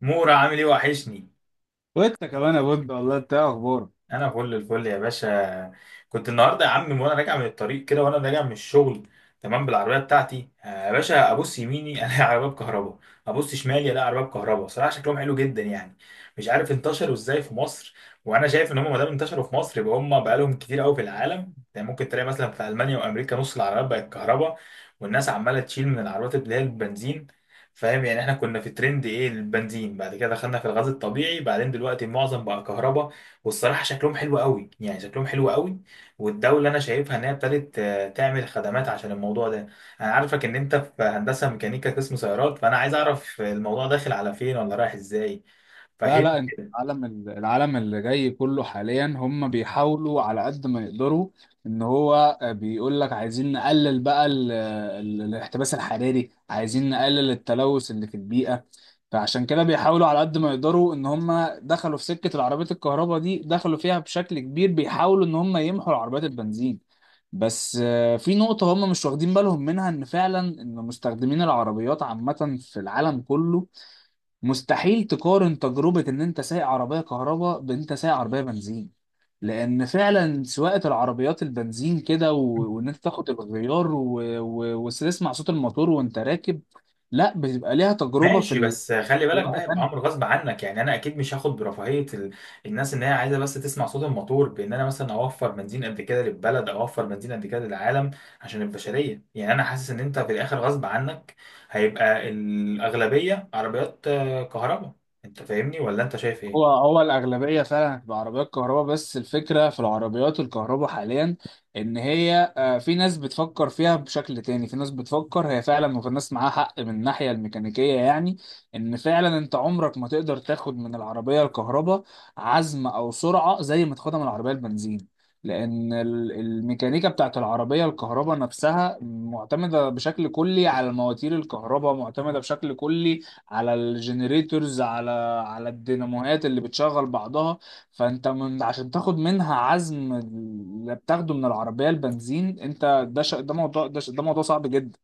مورا عامل ايه؟ وحشني. وانت كمان يا بود، والله انت إيه اخبارك؟ انا فل الفل يا باشا. كنت النهارده يا عم وانا راجع من الطريق كده، وانا راجع من الشغل تمام بالعربيه بتاعتي. يا باشا، ابص يميني الاقي عربيه بكهرباء، ابص شمالي الاقي عربيه بكهرباء. صراحه شكلهم حلو جدا يعني. مش عارف انتشروا ازاي في مصر، وانا شايف ان هم ما دام انتشروا في مصر يبقى هم بقالهم كتير قوي في العالم. يعني ممكن تلاقي مثلا في المانيا وامريكا نص العربيات بقت كهرباء، والناس عماله تشيل من العربيات اللي هي البنزين. فاهم؟ يعني احنا كنا في ترند ايه؟ البنزين، بعد كده دخلنا في الغاز الطبيعي، بعدين دلوقتي معظم بقى كهرباء. والصراحة شكلهم حلو قوي يعني، شكلهم حلو قوي. والدولة أنا شايفها إن هي ابتدت، تعمل خدمات عشان الموضوع ده. أنا عارفك إن أنت في هندسة ميكانيكا قسم سيارات، فأنا عايز أعرف الموضوع داخل على فين، ولا رايح إزاي. لا، لا، انت العالم اللي جاي كله حاليا، هم بيحاولوا على قد ما يقدروا ان هو، بيقول لك عايزين نقلل بقى الاحتباس الحراري، عايزين نقلل التلوث اللي في البيئة. فعشان كده بيحاولوا على قد ما يقدروا ان هم دخلوا في سكة العربيات الكهرباء دي، دخلوا فيها بشكل كبير، بيحاولوا ان هم يمحوا العربيات البنزين. بس في نقطة هم مش واخدين بالهم منها، ان فعلا ان مستخدمين العربيات عامة في العالم كله مستحيل تقارن تجربة إن أنت سايق عربية كهرباء بإن أنت سايق عربية بنزين. لأن فعلا سواقة العربيات البنزين كده و... وإن فاهم. أنت تاخد الغيار و... و... وتسمع صوت الموتور وأنت راكب. لا، بتبقى ليها تجربة في ماشي بس خلي دي بالك، ده بقى هيبقى امر تانية. غصب عنك. يعني انا اكيد مش هاخد برفاهيه ال... الناس ان هي عايزه بس تسمع صوت الموتور، بان انا مثلا اوفر بنزين قد كده للبلد، او اوفر بنزين قد كده للعالم عشان البشريه. يعني انا حاسس ان انت في الاخر غصب عنك هيبقى الاغلبيه عربيات كهرباء. انت فاهمني، ولا انت شايف هو ايه؟ هو الأغلبية فعلا هتبقى عربيات كهرباء. بس الفكرة في العربيات الكهرباء حاليا إن هي، في ناس بتفكر فيها بشكل تاني، في ناس بتفكر هي فعلا، وفي ناس معاها حق من الناحية الميكانيكية يعني. إن فعلا أنت عمرك ما تقدر تاخد من العربية الكهرباء عزم أو سرعة زي ما تاخدها من العربية البنزين. لأن الميكانيكا بتاعت العربية الكهرباء نفسها معتمدة بشكل كلي على مواتير الكهرباء، معتمدة بشكل كلي على الجنريتورز، على الديناموهات اللي بتشغل بعضها. فانت من عشان تاخد منها عزم اللي بتاخده من العربية البنزين، انت ده ده موضوع صعب جدا.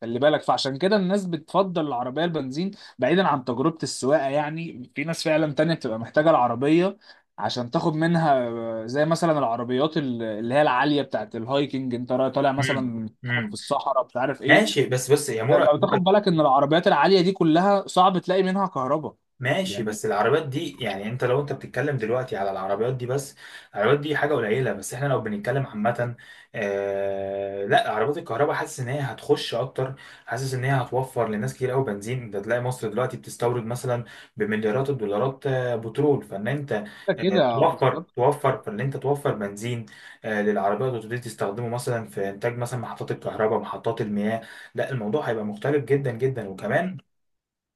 خلي بالك، فعشان كده الناس بتفضل العربية البنزين. بعيدا عن تجربة السواقة، يعني في ناس فعلا تانية بتبقى محتاجة العربية عشان تاخد منها، زي مثلا العربيات اللي هي العالية بتاعت الهايكنج. انت طالع امم. مثلا في امم. الصحراء مش عارف ايه. ماشي، بس يا مورا. لو تاخد بالك ان العربيات العالية دي كلها صعب تلاقي منها كهرباء ماشي، يعني. بس العربيات دي يعني انت لو انت بتتكلم دلوقتي على العربيات دي بس، العربيات دي حاجة قليلة، بس احنا لو بنتكلم عامة، آه لا عربيات الكهرباء حاسس ان هي هتخش اكتر. حاسس ان هي هتوفر لناس كتير قوي بنزين. انت تلاقي مصر دلوقتي بتستورد مثلا بمليارات الدولارات آه بترول، فان انت كده آه كده توفر، بالظبط. توفر، فان انت توفر بنزين آه للعربيات، وتبتدي تستخدمه مثلا في انتاج مثلا محطات الكهرباء، محطات المياه. لا الموضوع هيبقى مختلف جدا جدا. وكمان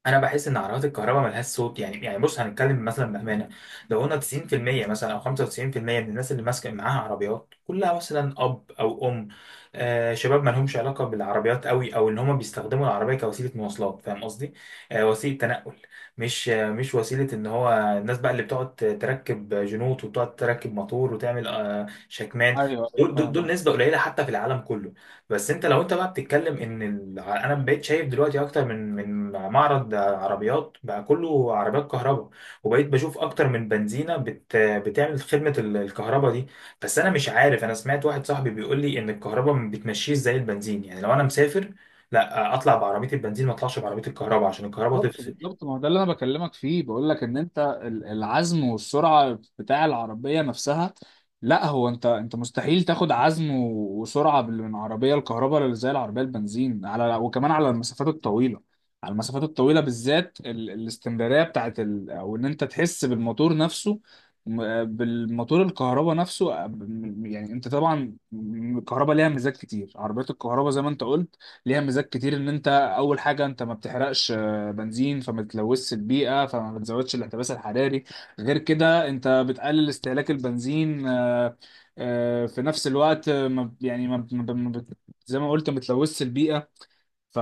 انا بحس ان عربيات الكهرباء ملهاش صوت. يعني يعني بص هنتكلم مثلا بامانه، لو قلنا 90% مثلا او 95% من الناس اللي ماسكه معاها عربيات كلها مثلا اب او ام، آه شباب ما لهمش علاقه بالعربيات قوي، او ان هم بيستخدموا العربيه كوسيله مواصلات. فاهم قصدي؟ آه وسيله تنقل، مش آه مش وسيله ان هو. الناس بقى اللي بتقعد تركب جنوط، وبتقعد تركب موتور وتعمل آه شكمان، ايوه، ايوه، دول فاهم. نسبه قليله حتى في العالم كله. بس انت لو انت بقى بتتكلم ان ال... انا بقيت شايف دلوقتي اكتر من معرض عربيات بقى كله عربيات كهرباء، وبقيت بشوف اكتر من بنزينه بت... بتعمل خدمه ال- الكهرباء دي. بس انا مش عارف، انا سمعت واحد صاحبي بيقول لي ان الكهرباء ما بتمشيش زي البنزين، يعني لو انا مسافر لا اطلع بعربيه البنزين، ما اطلعش بعربيه الكهرباء عشان الكهرباء بالظبط، تفصل. بالظبط، ما هو ده اللي انا بكلمك فيه. بقول لك ان انت العزم والسرعه بتاع العربيه نفسها. لا هو انت مستحيل تاخد عزم وسرعه من عربيه الكهرباء اللي زي العربيه البنزين، على، وكمان على المسافات الطويله. على المسافات الطويله بالذات، الاستمراريه بتاعت او ان انت تحس بالموتور نفسه، بالموتور الكهرباء نفسه. يعني انت طبعا، الكهرباء ليها ميزات كتير. عربيات الكهرباء زي ما انت قلت ليها ميزات كتير. ان انت اول حاجه انت ما بتحرقش بنزين، فما بتلوثش البيئة، فما بتزودش الاحتباس الحراري. غير كده انت بتقلل استهلاك البنزين، في نفس الوقت، ما ب- يعني ما ب- ما ب- ما بت- زي ما قلت ما بتلوثش البيئة. ف...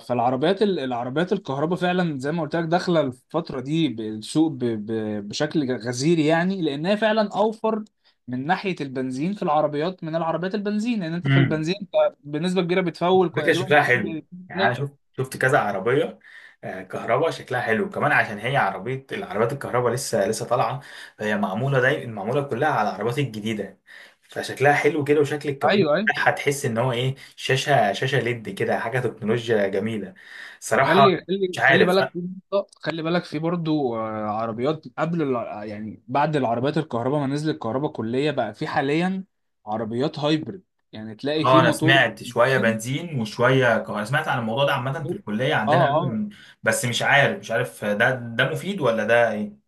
العربيات الكهرباء فعلا زي ما قلت لك داخلة الفترة دي بالسوق، بشكل غزير يعني. لأنها فعلا أوفر من ناحية البنزين في العربيات من العربيات البنزين. لأن يعني أنت في امم. البنزين أنت بنسبة كبيرة بتفول فكرة تقريبا شكلها حلو، كل يعني أنا ثلاثة. شفت، شفت كذا عربية كهرباء شكلها حلو. كمان عشان هي عربية، العربيات الكهرباء لسه لسه طالعة، فهي معمولة دايما معمولة كلها على العربيات الجديدة، فشكلها حلو كده. وشكل الكابوت أيوه، أيوه. بتاعها تحس إن هو إيه، شاشة، شاشة ليد كده، حاجة تكنولوجيا جميلة صراحة. وخلي مش خلي خلي عارف. بالك في خلي بالك في برضو، عربيات قبل يعني بعد العربيات الكهرباء ما نزلت كهرباء كلية، بقى في حاليا عربيات هايبرد. يعني تلاقي في اه انا موتور سمعت شويه بنزين وشويه كهرباء. سمعت عن الموضوع ده عامه في موتور- الكليه اه، عندنا قبل، اه. من- بس مش عارف، مش عارف ده مفيد ولا ده ايه.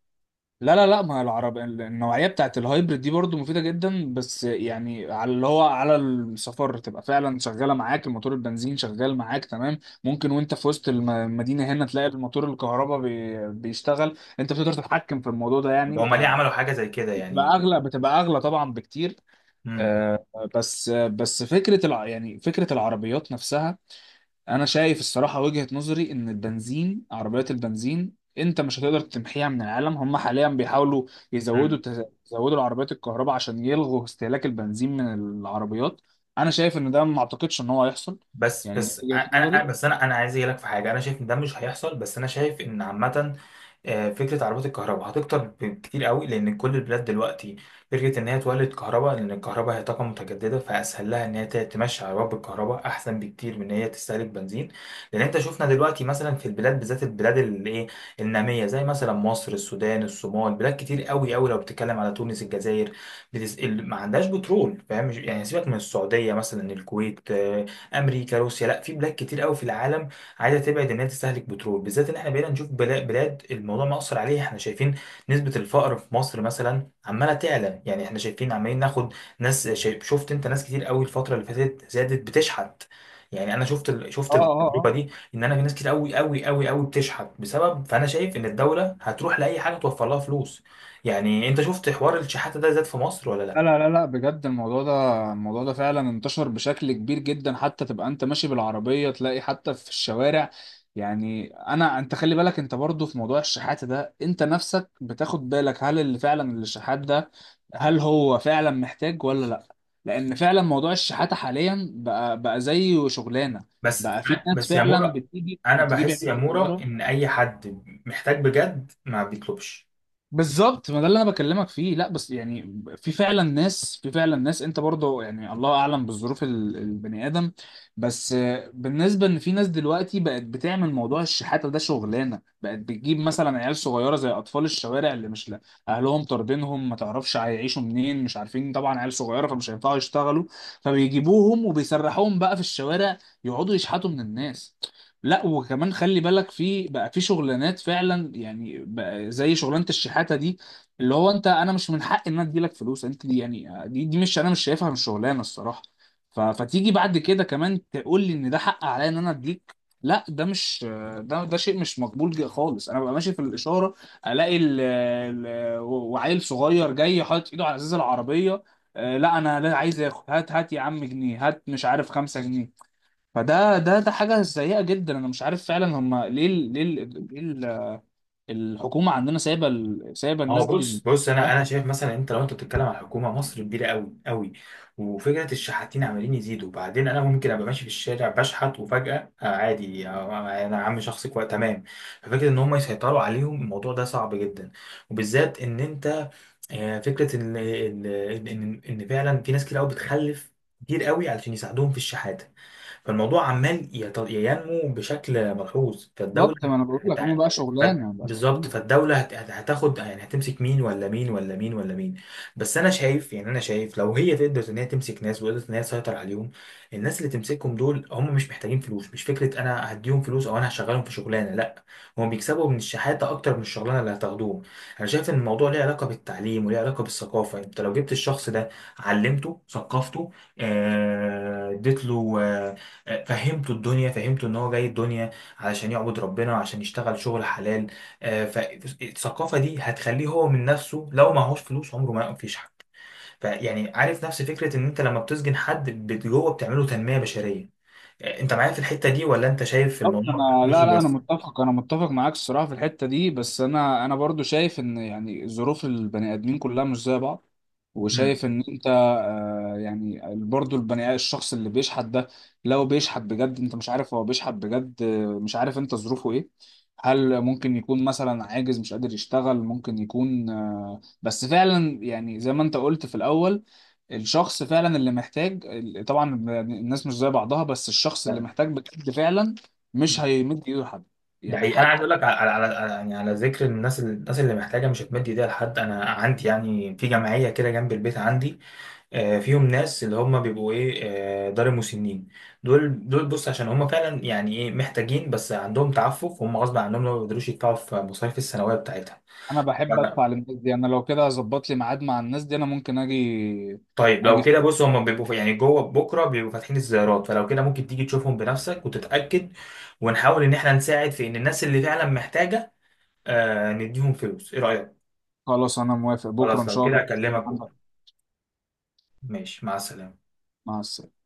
لا، لا، لا، ما العرب النوعية بتاعت الهايبرد دي برضو مفيدة جدا. بس يعني على اللي هو على السفر، تبقى فعلا شغالة معاك الموتور البنزين، شغال معاك تمام. ممكن وانت في وسط المدينة هنا تلاقي الموتور الكهرباء بيشتغل. انت بتقدر تتحكم في الموضوع ده طب يعني. هما ليه عملوا حاجه زي كده بتبقى يعني؟ اغلى بتبقى اغلى طبعا بكتير، آه، بس يعني فكره العربيات نفسها. انا شايف الصراحه وجهه نظري ان البنزين، عربيات البنزين انت مش هتقدر تمحيها من العالم. هم حاليا بيحاولوا يزودوا، مم. يزودوا العربيات الكهرباء عشان يلغوا استهلاك البنزين من العربيات. انا شايف ان ده، ما اعتقدش ان هو هيحصل. يعني دي وجهه نظري. بس انا عايز اجي لك في حاجه. انا شايف ان ده مش هيحصل، بس انا شايف ان عامه فكره عربيات الكهرباء هتكتر بكتير قوي، لان كل البلاد دلوقتي فكره ان هي تولد كهرباء، لان الكهرباء هي طاقه متجدده، فاسهل لها ان هي ت- تمشي عربيات بالكهرباء احسن بكتير من ان هي تستهلك بنزين. لان انت شفنا دلوقتي مثلا في البلاد، بالذات البلاد اللي ايه، الناميه، زي مثلا مصر، السودان، الصومال، بلاد كتير قوي قوي، لو بتتكلم على تونس، الجزائر، بتس... ال- ما عندهاش بترول. فاهم؟ مش- يعني سيبك من السعوديه مثلا، الكويت، امريكا، روسيا، لا في بلاد كتير قوي في العالم عايزه تبعد ان هي تستهلك بترول، بالذات ان احنا بقينا نشوف بلا- بلاد الموضوع مأثر عليها. احنا شايفين نسبه الفقر في مصر مثلا عماله تعلى. يعني احنا شايفين عمالين ناخد ناس، شايف، شفت انت ناس كتير قوي الفتره اللي فاتت زادت بتشحت. يعني انا شفت ال- اه، شفت اه، التجربه اه، دي، ان انا في ناس كتير قوي بتشحت بسبب. فانا شايف ان الدوله هتروح لاي حاجه توفر لها فلوس. يعني انت شفت حوار الشحاته ده زاد في مصر ولا لا، لا؟ لا، لا، لا، بجد الموضوع ده فعلا انتشر بشكل كبير جدا، حتى تبقى انت ماشي بالعربية تلاقي حتى في الشوارع. يعني انا، انت خلي بالك انت برضو في موضوع الشحات ده، انت نفسك بتاخد بالك هل اللي فعلا الشحات ده، هل هو فعلا محتاج ولا لا؟ لان فعلا موضوع الشحاتة حاليا بقى زي شغلانة. بس بقى في ناس بس يا فعلا مورا، بتيجي انا بتجيب بحس يا عيال مورا صغيرة. ان اي حد محتاج بجد ما بيطلبش. بالظبط، ما ده اللي انا بكلمك فيه. لا بس يعني في فعلا ناس، انت برضه، يعني الله اعلم بالظروف، البني ادم. بس، بالنسبه ان في ناس دلوقتي بقت بتعمل موضوع الشحاته ده شغلانه، بقت بتجيب مثلا عيال صغيره زي اطفال الشوارع اللي مش، لا، اهلهم طاردينهم، ما تعرفش هيعيشوا منين، مش عارفين طبعا، عيال صغيره فمش هينفعوا يشتغلوا، فبيجيبوهم وبيسرحوهم بقى في الشوارع يقعدوا يشحتوا من الناس. لا وكمان خلي بالك، في بقى في شغلانات فعلا يعني، بقى زي شغلانه الشحاته دي. اللي هو انت، انا مش من حق ان انا اديلك فلوس انت دي، يعني دي مش، انا مش شايفها، مش شغلانه الصراحه. فتيجي بعد كده كمان تقول لي ان ده حق عليا ان انا اديك. لا، ده مش، ده شيء مش مقبول جدا خالص. انا ببقى ماشي في الاشاره، الاقي ال ال وعيل صغير جاي حاطط ايده على ازاز العربيه، لا، انا لا، عايز اخد، هات يا عم جنيه، هات مش عارف 5 جنيه. فده ده حاجة سيئة جدا. انا مش عارف فعلا هم ليه الحكومة عندنا سايبة سايبة الناس هو دي بص، بص، انا ده انا شايف مثلا انت لو انت بتتكلم عن حكومه مصر كبيره قوي قوي، وفكره الشحاتين عمالين يزيدوا. وبعدين انا ممكن ابقى ماشي في الشارع بشحت وفجاه آه عادي، آه انا عم شخصي كويس تمام. ففكره ان هم يسيطروا عليهم الموضوع ده صعب جدا. وبالذات ان انت، فكره ان ان إن فعلا في ناس كتير قوي بتخلف كتير قوي علشان يساعدوهم في الشحاته، فالموضوع عمال يت- ينمو بشكل ملحوظ. بالظبط فالدولة ما انا بقول لك هم هت- بقى ف- شغلانة بقى. بالظبط، فالدولة هتاخد يعني، هتمسك مين ولا مين ولا مين ولا مين؟ بس أنا شايف، يعني أنا شايف لو هي تقدر إن هي تمسك ناس، وقدرت إن هي تسيطر عليهم، الناس اللي تمسكهم دول هم مش محتاجين فلوس. مش فكرة أنا هديهم فلوس، أو أنا هشغلهم في شغلانة، لا، هم بيكسبوا من الشحاتة أكتر من الشغلانة اللي هتاخدوهم. أنا شايف إن الموضوع ليه علاقة بالتعليم، وليه علاقة بالثقافة. أنت لو جبت الشخص ده علمته، ثقفته، اديت له، فهمته الدنيا، فهمته ان هو جاي الدنيا علشان يعبد ربنا، وعشان يشتغل شغل حلال، فالثقافه دي هتخليه هو من نفسه لو معهوش فلوس عمره ما ينفش حد. فيعني عارف نفس فكره ان انت لما بتسجن حد بت- جوه بتعمله تنميه بشريه. انت معايا في الحته دي، ولا انت شايف في بالظبط، الموضوع بتاع انا، لا، فلوسه لا، انا بس؟ متفق انا متفق معاك الصراحه في الحته دي. بس انا برضو شايف ان، يعني ظروف البني ادمين كلها مش زي بعض. مم. وشايف ان انت، يعني برضو الشخص اللي بيشحت ده، لو بيشحت بجد انت مش عارف هو بيشحت بجد. مش عارف انت ظروفه ايه. هل ممكن يكون مثلا عاجز مش قادر يشتغل؟ ممكن يكون، بس فعلا يعني زي ما انت قلت في الاول الشخص فعلا اللي محتاج. طبعا الناس مش زي بعضها. بس الشخص اللي تمام. محتاج بجد فعلا مش هيمد ايده لحد. ده يعني حقيقي. انا عايز حتى اقول لو، لك على يعني على ذكر الناس، الناس اللي محتاجه مش هتمد ايديها لحد، انا عندي يعني في جمعيه كده جنب البيت عندي فيهم ناس اللي هم بيبقوا ايه، دار المسنين. دول بص، عشان هم فعلا يعني ايه محتاجين، بس عندهم تعفف، هم غصب عنهم لو ما بيقدروش يدفعوا في مصاريف الثانويه بتاعتها. انا ف- بحب ادفع للناس دي. انا لو كده هظبط لي ميعاد مع الناس دي، انا ممكن اجي طيب اجي لو كده بص، هم بيبقوا في- يعني جوه بكره بيبقوا فاتحين الزيارات، فلو كده ممكن تيجي تشوفهم بنفسك وتتاكد، ونحاول ان احنا نساعد في ان الناس اللي فعلا محتاجه نديهم فلوس. ايه رايك؟ خلاص انا موافق، بكره ان خلاص لو شاء الله كده تلاقيني اكلمك عندك. بكره. ماشي، مع السلامه. مع السلامه.